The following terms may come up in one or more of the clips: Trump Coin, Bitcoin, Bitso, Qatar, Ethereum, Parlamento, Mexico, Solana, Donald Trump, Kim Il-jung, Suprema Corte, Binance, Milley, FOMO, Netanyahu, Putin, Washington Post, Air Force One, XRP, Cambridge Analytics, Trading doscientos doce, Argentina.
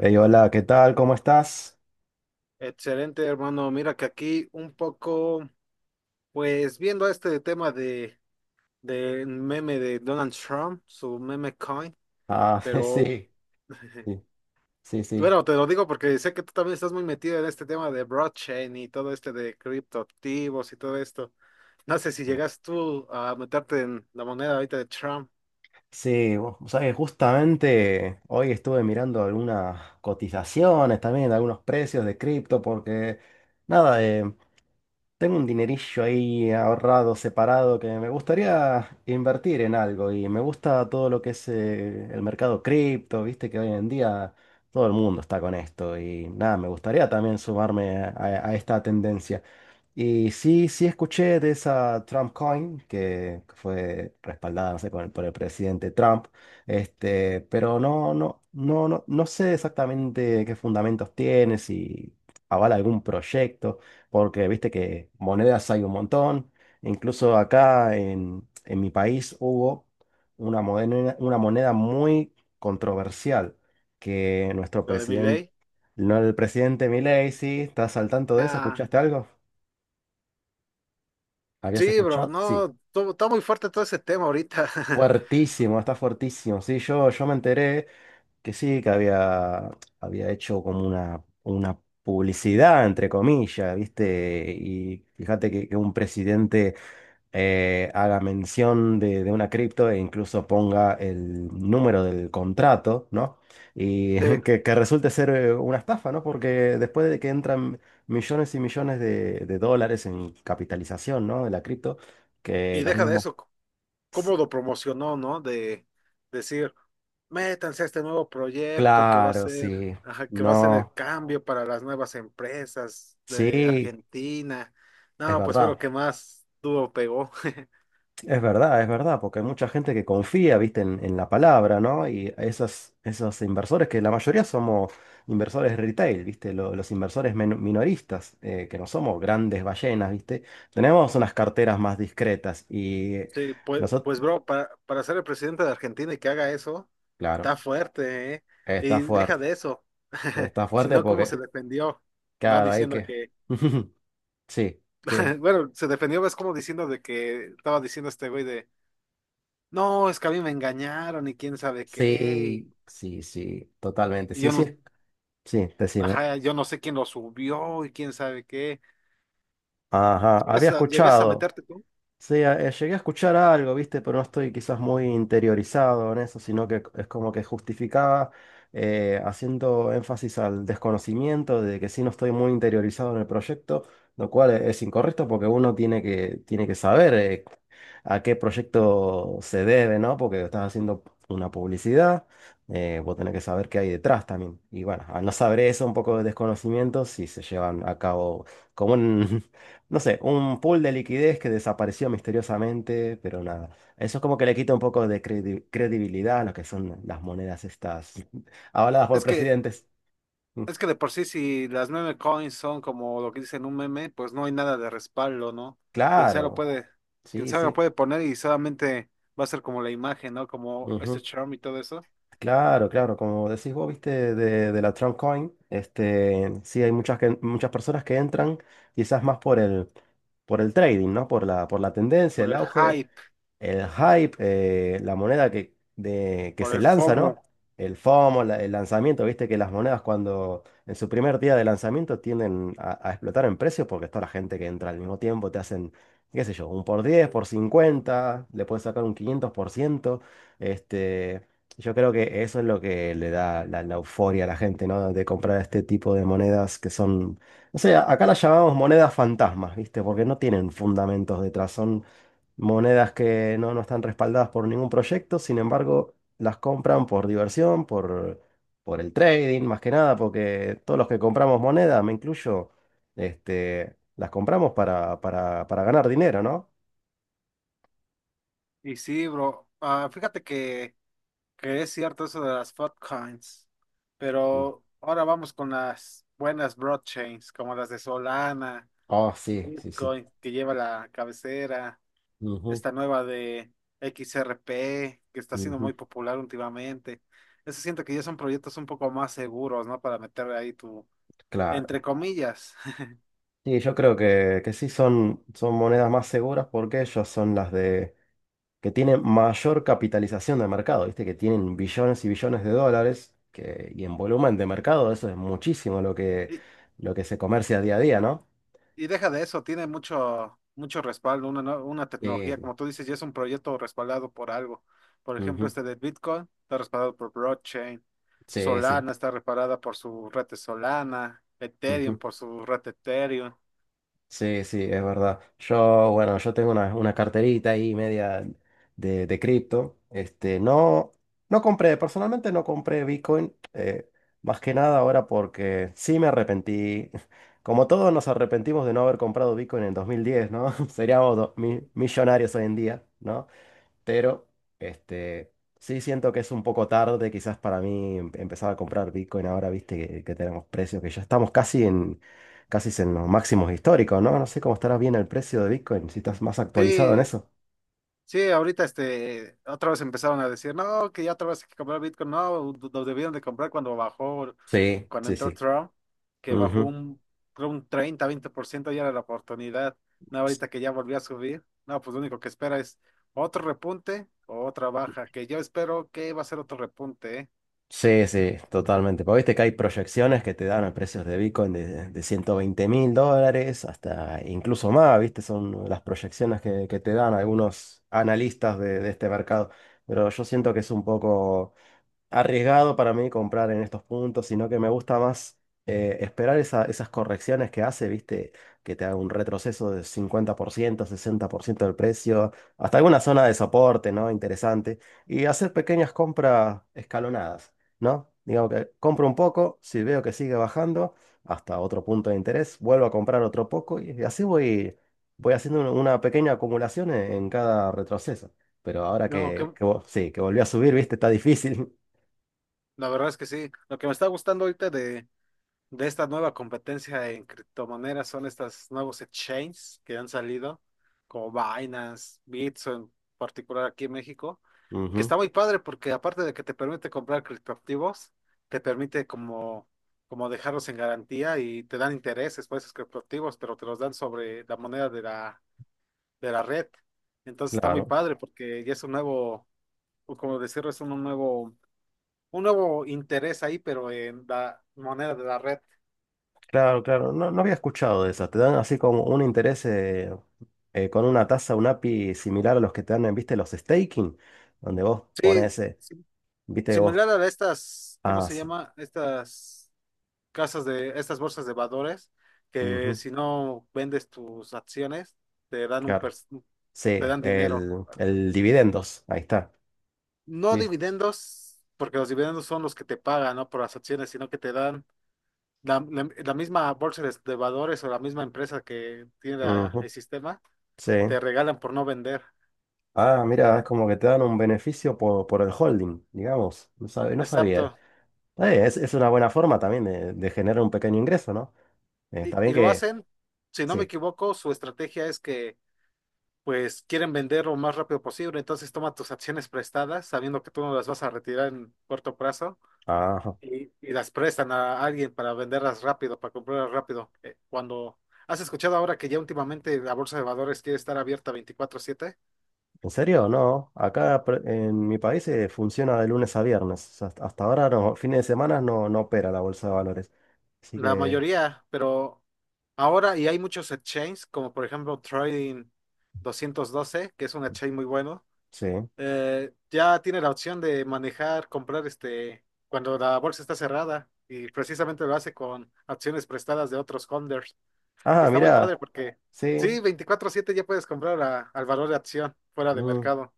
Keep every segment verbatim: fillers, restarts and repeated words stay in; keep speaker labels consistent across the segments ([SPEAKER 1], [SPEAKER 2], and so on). [SPEAKER 1] Hey, hola, ¿qué tal? ¿Cómo estás?
[SPEAKER 2] Excelente, hermano. Mira que aquí un poco, pues viendo este tema de del meme de Donald Trump, su meme coin,
[SPEAKER 1] Ah,
[SPEAKER 2] pero
[SPEAKER 1] sí, sí, sí, sí.
[SPEAKER 2] bueno, te lo digo porque sé que tú también estás muy metido en este tema de blockchain y todo este de criptoactivos y todo esto. No sé si llegas tú a meterte en la moneda ahorita de Trump,
[SPEAKER 1] Sí, vos sabés, justamente hoy estuve mirando algunas cotizaciones también, algunos precios de cripto, porque nada, eh, tengo un dinerillo ahí ahorrado, separado, que me gustaría invertir en algo y me gusta todo lo que es eh, el mercado cripto, viste que hoy en día todo el mundo está con esto y nada, me gustaría también sumarme a a esta tendencia. Y sí, sí escuché de esa Trump Coin que fue respaldada, no sé, con el- por el presidente Trump, este, pero no, no, no, no, no sé exactamente qué fundamentos tiene, si avala algún proyecto, porque viste que monedas hay un montón. Incluso acá en, en mi país hubo una moneda, una moneda muy controversial que nuestro
[SPEAKER 2] la de
[SPEAKER 1] presidente,
[SPEAKER 2] Milley.
[SPEAKER 1] no, el presidente Milei, sí, ¿estás al tanto de eso?
[SPEAKER 2] Ah,
[SPEAKER 1] ¿Escuchaste algo? ¿Habías
[SPEAKER 2] sí, bro,
[SPEAKER 1] escuchado? Sí,
[SPEAKER 2] no, to- está muy fuerte todo ese tema ahorita.
[SPEAKER 1] fuertísimo, está fuertísimo. Sí, yo, yo me enteré que sí, que había, había hecho como una, una publicidad, entre comillas, ¿viste? Y fíjate que, que un presidente eh, haga mención de, de una cripto e incluso ponga el número del contrato, ¿no? Y
[SPEAKER 2] Sí,
[SPEAKER 1] que, que resulte ser eh, una estafa, ¿no? Porque después de que entran millones y millones de, de dólares en capitalización, ¿no? De la cripto, que
[SPEAKER 2] y
[SPEAKER 1] los
[SPEAKER 2] deja de
[SPEAKER 1] mismos...
[SPEAKER 2] eso. ¿Cómo lo promocionó, no? De decir, métanse a este nuevo proyecto que va a
[SPEAKER 1] Claro,
[SPEAKER 2] ser,
[SPEAKER 1] sí.
[SPEAKER 2] ajá, que va a ser el
[SPEAKER 1] No,
[SPEAKER 2] cambio para las nuevas empresas de
[SPEAKER 1] sí,
[SPEAKER 2] Argentina.
[SPEAKER 1] es
[SPEAKER 2] No, pues fue
[SPEAKER 1] verdad.
[SPEAKER 2] lo que más duro pegó.
[SPEAKER 1] Es verdad, es verdad, porque hay mucha gente que confía, viste, en, en la palabra, ¿no? Y esas, esos inversores, que la mayoría somos inversores retail, viste, Lo- los inversores men- minoristas, eh, que no somos grandes ballenas, viste. Tenemos unas carteras más discretas y
[SPEAKER 2] Sí, pues,
[SPEAKER 1] nosotros,
[SPEAKER 2] pues bro, para, para ser el presidente de Argentina y que haga eso,
[SPEAKER 1] claro,
[SPEAKER 2] está fuerte, ¿eh?
[SPEAKER 1] está
[SPEAKER 2] Y deja
[SPEAKER 1] fuerte.
[SPEAKER 2] de eso.
[SPEAKER 1] Está fuerte
[SPEAKER 2] ¿Sino cómo
[SPEAKER 1] porque,
[SPEAKER 2] se defendió, no?
[SPEAKER 1] claro, hay
[SPEAKER 2] Diciendo
[SPEAKER 1] que...
[SPEAKER 2] que,
[SPEAKER 1] Sí, que...
[SPEAKER 2] bueno, se defendió, ves como diciendo de que estaba diciendo este güey de: no, es que a mí me engañaron y quién sabe qué.
[SPEAKER 1] Sí, sí, sí, totalmente.
[SPEAKER 2] Y,
[SPEAKER 1] Sí,
[SPEAKER 2] yo no,
[SPEAKER 1] sí. Sí, decime.
[SPEAKER 2] ajá, yo no sé quién lo subió y quién sabe qué.
[SPEAKER 1] Ajá, había
[SPEAKER 2] ¿Llegas a, llegas a
[SPEAKER 1] escuchado.
[SPEAKER 2] meterte tú?
[SPEAKER 1] Sí, a- eh, llegué a escuchar algo, ¿viste? Pero no estoy quizás muy interiorizado en eso, sino que es como que justificaba eh, haciendo énfasis al desconocimiento de que sí no estoy muy interiorizado en el proyecto, lo cual e- es incorrecto porque uno tiene que, tiene que saber eh, a qué proyecto se debe, ¿no? Porque estás haciendo una publicidad, eh, vos tenés que saber qué hay detrás también. Y bueno, al no saber eso, un poco de desconocimiento, si se llevan a cabo como en no sé, un pool de liquidez que desapareció misteriosamente, pero nada. Eso es como que le quita un poco de credi- credibilidad a lo que son las monedas estas avaladas por
[SPEAKER 2] Es que,
[SPEAKER 1] presidentes. Mm,
[SPEAKER 2] es que de por sí, si las meme coins son como lo que dicen un meme, pues no hay nada de respaldo, ¿no? Quien sea lo
[SPEAKER 1] Claro,
[SPEAKER 2] puede, quien
[SPEAKER 1] sí,
[SPEAKER 2] sea lo
[SPEAKER 1] sí.
[SPEAKER 2] puede poner y solamente va a ser como la imagen, ¿no? Como este
[SPEAKER 1] Ujú.
[SPEAKER 2] charm y todo eso.
[SPEAKER 1] Claro, claro, como decís vos, viste, de, de la Trump Coin, este, sí hay muchas, que- muchas personas que entran quizás más por el, por el trading, ¿no? Por la, por la tendencia,
[SPEAKER 2] Por
[SPEAKER 1] el
[SPEAKER 2] el
[SPEAKER 1] auge.
[SPEAKER 2] hype,
[SPEAKER 1] El hype, eh, la moneda que, de- que
[SPEAKER 2] por
[SPEAKER 1] se
[SPEAKER 2] el
[SPEAKER 1] lanza, ¿no?
[SPEAKER 2] FOMO.
[SPEAKER 1] El FOMO, la- el lanzamiento, viste que las monedas cuando en su primer día de lanzamiento tienden a, a explotar en precio porque está la gente que entra al mismo tiempo, te hacen, qué sé yo, un por diez por cincuenta le puedes sacar un quinientos por ciento. Este, yo creo que eso es lo que le da la, la euforia a la gente, ¿no? De comprar este tipo de monedas que son, no sé, acá las llamamos monedas fantasmas, ¿viste? Porque no tienen fundamentos detrás, son monedas que no, no están respaldadas por ningún proyecto, sin embargo, las compran por diversión, por, por el trading, más que nada, porque todos los que compramos monedas, me incluyo, este, las compramos para, para, para ganar dinero, ¿no?
[SPEAKER 2] Y sí, bro. Ah, fíjate que. que es cierto eso de las altcoins,
[SPEAKER 1] Mm.
[SPEAKER 2] pero ahora vamos con las buenas blockchains, como las de Solana,
[SPEAKER 1] Oh, sí, sí, sí.
[SPEAKER 2] Bitcoin, que lleva la cabecera,
[SPEAKER 1] Ujú,
[SPEAKER 2] esta nueva de X R P, que está siendo
[SPEAKER 1] ujú.
[SPEAKER 2] muy popular últimamente. Eso siento que ya son proyectos un poco más seguros, ¿no? Para meter ahí tu,
[SPEAKER 1] Claro.
[SPEAKER 2] entre comillas.
[SPEAKER 1] Sí, yo creo que, que sí son, son monedas más seguras porque ellos son las de que tienen mayor capitalización de mercado, ¿viste? Que tienen billones y billones de dólares que, y en volumen de mercado eso es muchísimo lo que,
[SPEAKER 2] Y,
[SPEAKER 1] lo que se comercia día a día, ¿no?
[SPEAKER 2] Y deja de eso, tiene mucho, mucho respaldo, una, no- una tecnología,
[SPEAKER 1] Sí,
[SPEAKER 2] como tú dices, ya es un proyecto respaldado por algo. Por ejemplo,
[SPEAKER 1] ujú,
[SPEAKER 2] este de Bitcoin está respaldado por blockchain,
[SPEAKER 1] sí, sí,
[SPEAKER 2] Solana está respaldada por su red de Solana, Ethereum
[SPEAKER 1] ujú.
[SPEAKER 2] por su red de Ethereum.
[SPEAKER 1] Sí, sí, es verdad. Yo, bueno, yo tengo una, una carterita ahí media de, de cripto. Este, no, no compré, personalmente no compré Bitcoin, eh, más que nada ahora porque sí me arrepentí. Como todos nos arrepentimos de no haber comprado Bitcoin en dos mil diez, ¿no? Seríamos do- mi- millonarios hoy en día, ¿no? Pero, este, sí siento que es un poco tarde quizás para mí em- empezar a comprar Bitcoin ahora, viste, que, que tenemos precios que ya estamos casi en, casi en los máximos históricos, ¿no? No sé cómo estará bien el precio de Bitcoin, si estás más actualizado en
[SPEAKER 2] Sí,
[SPEAKER 1] eso.
[SPEAKER 2] Sí, ahorita este, otra vez empezaron a decir, no, que ya otra vez hay que comprar Bitcoin, no, lo debieron de comprar cuando bajó,
[SPEAKER 1] Sí,
[SPEAKER 2] cuando Sí.
[SPEAKER 1] sí,
[SPEAKER 2] entró
[SPEAKER 1] sí.
[SPEAKER 2] Trump, que bajó
[SPEAKER 1] Ujú.
[SPEAKER 2] un, creo un treinta, veinte por ciento, ya era la oportunidad, no,
[SPEAKER 1] S-
[SPEAKER 2] ahorita que ya volvió a subir, no, pues lo único que espera es otro repunte o otra baja, que yo espero que va a ser otro repunte, ¿eh?
[SPEAKER 1] Sí, sí, totalmente. Porque viste que hay proyecciones que te dan a precios de Bitcoin de, de ciento veinte mil dólares hasta incluso más, viste, son las proyecciones que, que te dan algunos analistas de de este mercado. Pero yo siento que es un poco arriesgado para mí comprar en estos puntos, sino que me gusta más eh, esperar esa- esas correcciones que hace, ¿viste? Que te haga un retroceso de cincuenta por ciento, sesenta por ciento del precio, hasta alguna zona de soporte, ¿no? Interesante. Y hacer pequeñas compras escalonadas, ¿no? Digamos que compro un poco, si veo que sigue bajando hasta otro punto de interés, vuelvo a comprar otro poco y así voy, voy haciendo una una pequeña acumulación en en cada retroceso. Pero ahora
[SPEAKER 2] No, que,
[SPEAKER 1] que, que, vo- sí, que volvió a subir, ¿viste? Está difícil.
[SPEAKER 2] la verdad es que sí, lo que me está gustando ahorita de, de esta nueva competencia en criptomonedas son estos nuevos exchanges que han salido, como Binance, Bitso en particular aquí en México, que está
[SPEAKER 1] Ujú.
[SPEAKER 2] muy padre porque aparte de que te permite comprar criptoactivos, te permite como, como dejarlos en garantía y te dan intereses por esos criptoactivos, pero te los dan sobre la moneda de la, de la, red. Entonces está muy
[SPEAKER 1] Claro,
[SPEAKER 2] padre porque ya es un nuevo, o como decirlo, es un nuevo, un nuevo interés ahí, pero en la moneda de la red.
[SPEAKER 1] claro, claro. No, no había escuchado de esas. Te dan así como un interés eh, eh, con una tasa, un A P I similar a los que te dan, en, viste, los staking, donde vos
[SPEAKER 2] Sí,
[SPEAKER 1] pones, eh, viste, vos.
[SPEAKER 2] similar a estas, ¿cómo
[SPEAKER 1] Ah,
[SPEAKER 2] se
[SPEAKER 1] sí.
[SPEAKER 2] llama? Estas casas de, estas bolsas de valores, que
[SPEAKER 1] Ujú.
[SPEAKER 2] si no vendes tus acciones, te dan un, per-
[SPEAKER 1] Claro. Sí,
[SPEAKER 2] te dan dinero.
[SPEAKER 1] el, el dividendos. Ahí está.
[SPEAKER 2] No
[SPEAKER 1] Sí.
[SPEAKER 2] dividendos, porque los dividendos son los que te pagan, ¿no? Por las acciones, sino que te dan la, la- la misma bolsa de, de valores o la misma empresa que tiene la- el
[SPEAKER 1] Ujú.
[SPEAKER 2] sistema,
[SPEAKER 1] Sí.
[SPEAKER 2] te regalan por no vender.
[SPEAKER 1] Ah, mira, es como que te dan un beneficio por, por el holding, digamos. No sabe- no sabía.
[SPEAKER 2] Exacto.
[SPEAKER 1] Eh, es, es una buena forma también de, de generar un pequeño ingreso, ¿no? Eh,
[SPEAKER 2] Y,
[SPEAKER 1] está bien
[SPEAKER 2] y lo
[SPEAKER 1] que.
[SPEAKER 2] hacen, si no me
[SPEAKER 1] Sí.
[SPEAKER 2] equivoco, su estrategia es que pues quieren vender lo más rápido posible, entonces toma tus acciones prestadas, sabiendo que tú no las vas a retirar en corto plazo,
[SPEAKER 1] Ajá.
[SPEAKER 2] y, y las prestan a alguien para venderlas rápido, para comprarlas rápido. Eh, ¿cuando has escuchado ahora que ya últimamente la bolsa de valores quiere estar abierta veinticuatro siete
[SPEAKER 1] ¿En serio? No. Acá pre- en mi país eh, funciona de lunes a viernes. O sea, hasta hasta ahora, no, fines de semana no, no opera la bolsa de valores. Así
[SPEAKER 2] la
[SPEAKER 1] que,
[SPEAKER 2] mayoría? Pero ahora y hay muchos exchanges, como por ejemplo Trading doscientos doce, que es un exchange muy bueno,
[SPEAKER 1] sí.
[SPEAKER 2] eh, ya tiene la opción de manejar, comprar este, cuando la bolsa está cerrada, y precisamente lo hace con acciones prestadas de otros holders. Y
[SPEAKER 1] Ah,
[SPEAKER 2] está muy
[SPEAKER 1] mirá.
[SPEAKER 2] padre porque
[SPEAKER 1] Sí.
[SPEAKER 2] sí, veinticuatro siete ya puedes comprar a- al valor de acción fuera de
[SPEAKER 1] Mm.
[SPEAKER 2] mercado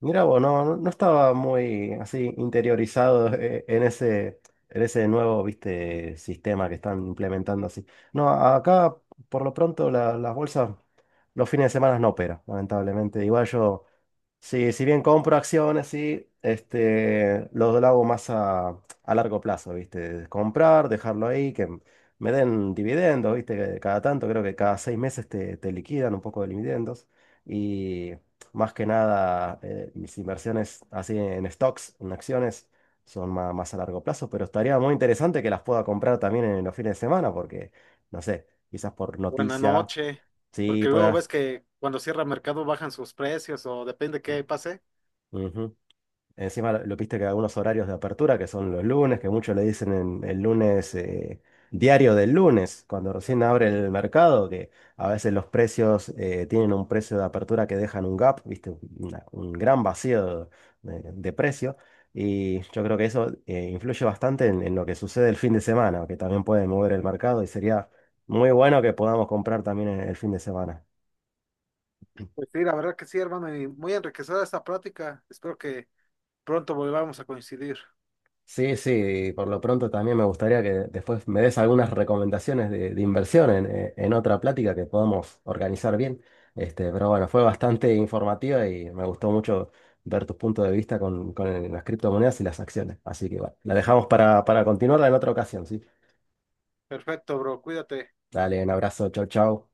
[SPEAKER 1] Mirá vos, no, no no estaba muy así interiorizado eh, en ese, en ese nuevo, viste, sistema que están implementando así. No, a- acá por lo pronto la- las bolsas los fines de semana no operan, lamentablemente. Igual yo... Sí, si bien compro acciones, sí, este, lo, lo hago más a, a largo plazo, ¿viste? Comprar, dejarlo ahí, que m- me den dividendos, ¿viste? Que cada tanto, creo que cada seis meses te, te liquidan un poco de dividendos. Y más que nada, eh, mis inversiones así en stocks, en acciones, son más, más a largo plazo, pero estaría muy interesante que las pueda comprar también en los fines de semana, porque, no sé, quizás por
[SPEAKER 2] o en la
[SPEAKER 1] noticia,
[SPEAKER 2] noche,
[SPEAKER 1] sí,
[SPEAKER 2] porque luego ves
[SPEAKER 1] pueda.
[SPEAKER 2] que cuando cierra mercado bajan sus precios o depende qué pase.
[SPEAKER 1] Encima lo, lo viste que algunos horarios de apertura, que son los lunes, que muchos le dicen en- el lunes, eh, diario del lunes, cuando recién abre el mercado, que a veces los precios eh, tienen un precio de apertura que dejan un gap, viste, Una- un gran vacío de, de precio. Y yo creo que eso eh, influye bastante en, en lo que sucede el fin de semana, que también puede mover el mercado y sería muy bueno que podamos comprar también el el fin de semana.
[SPEAKER 2] Pues sí, la verdad que sí, hermano, y muy enriquecedora esta práctica. Espero que pronto volvamos a coincidir.
[SPEAKER 1] Sí, sí, por lo pronto también me gustaría que después me des algunas recomendaciones de, de inversión en, eh, en otra plática que podamos organizar bien. Este, pero bueno, fue bastante informativa y me gustó mucho ver tus puntos de vista con, con el- las criptomonedas y las acciones. Así que bueno, la dejamos para, para continuarla en otra ocasión, ¿sí?
[SPEAKER 2] Perfecto, bro, cuídate.
[SPEAKER 1] Dale, un abrazo, chau, chau.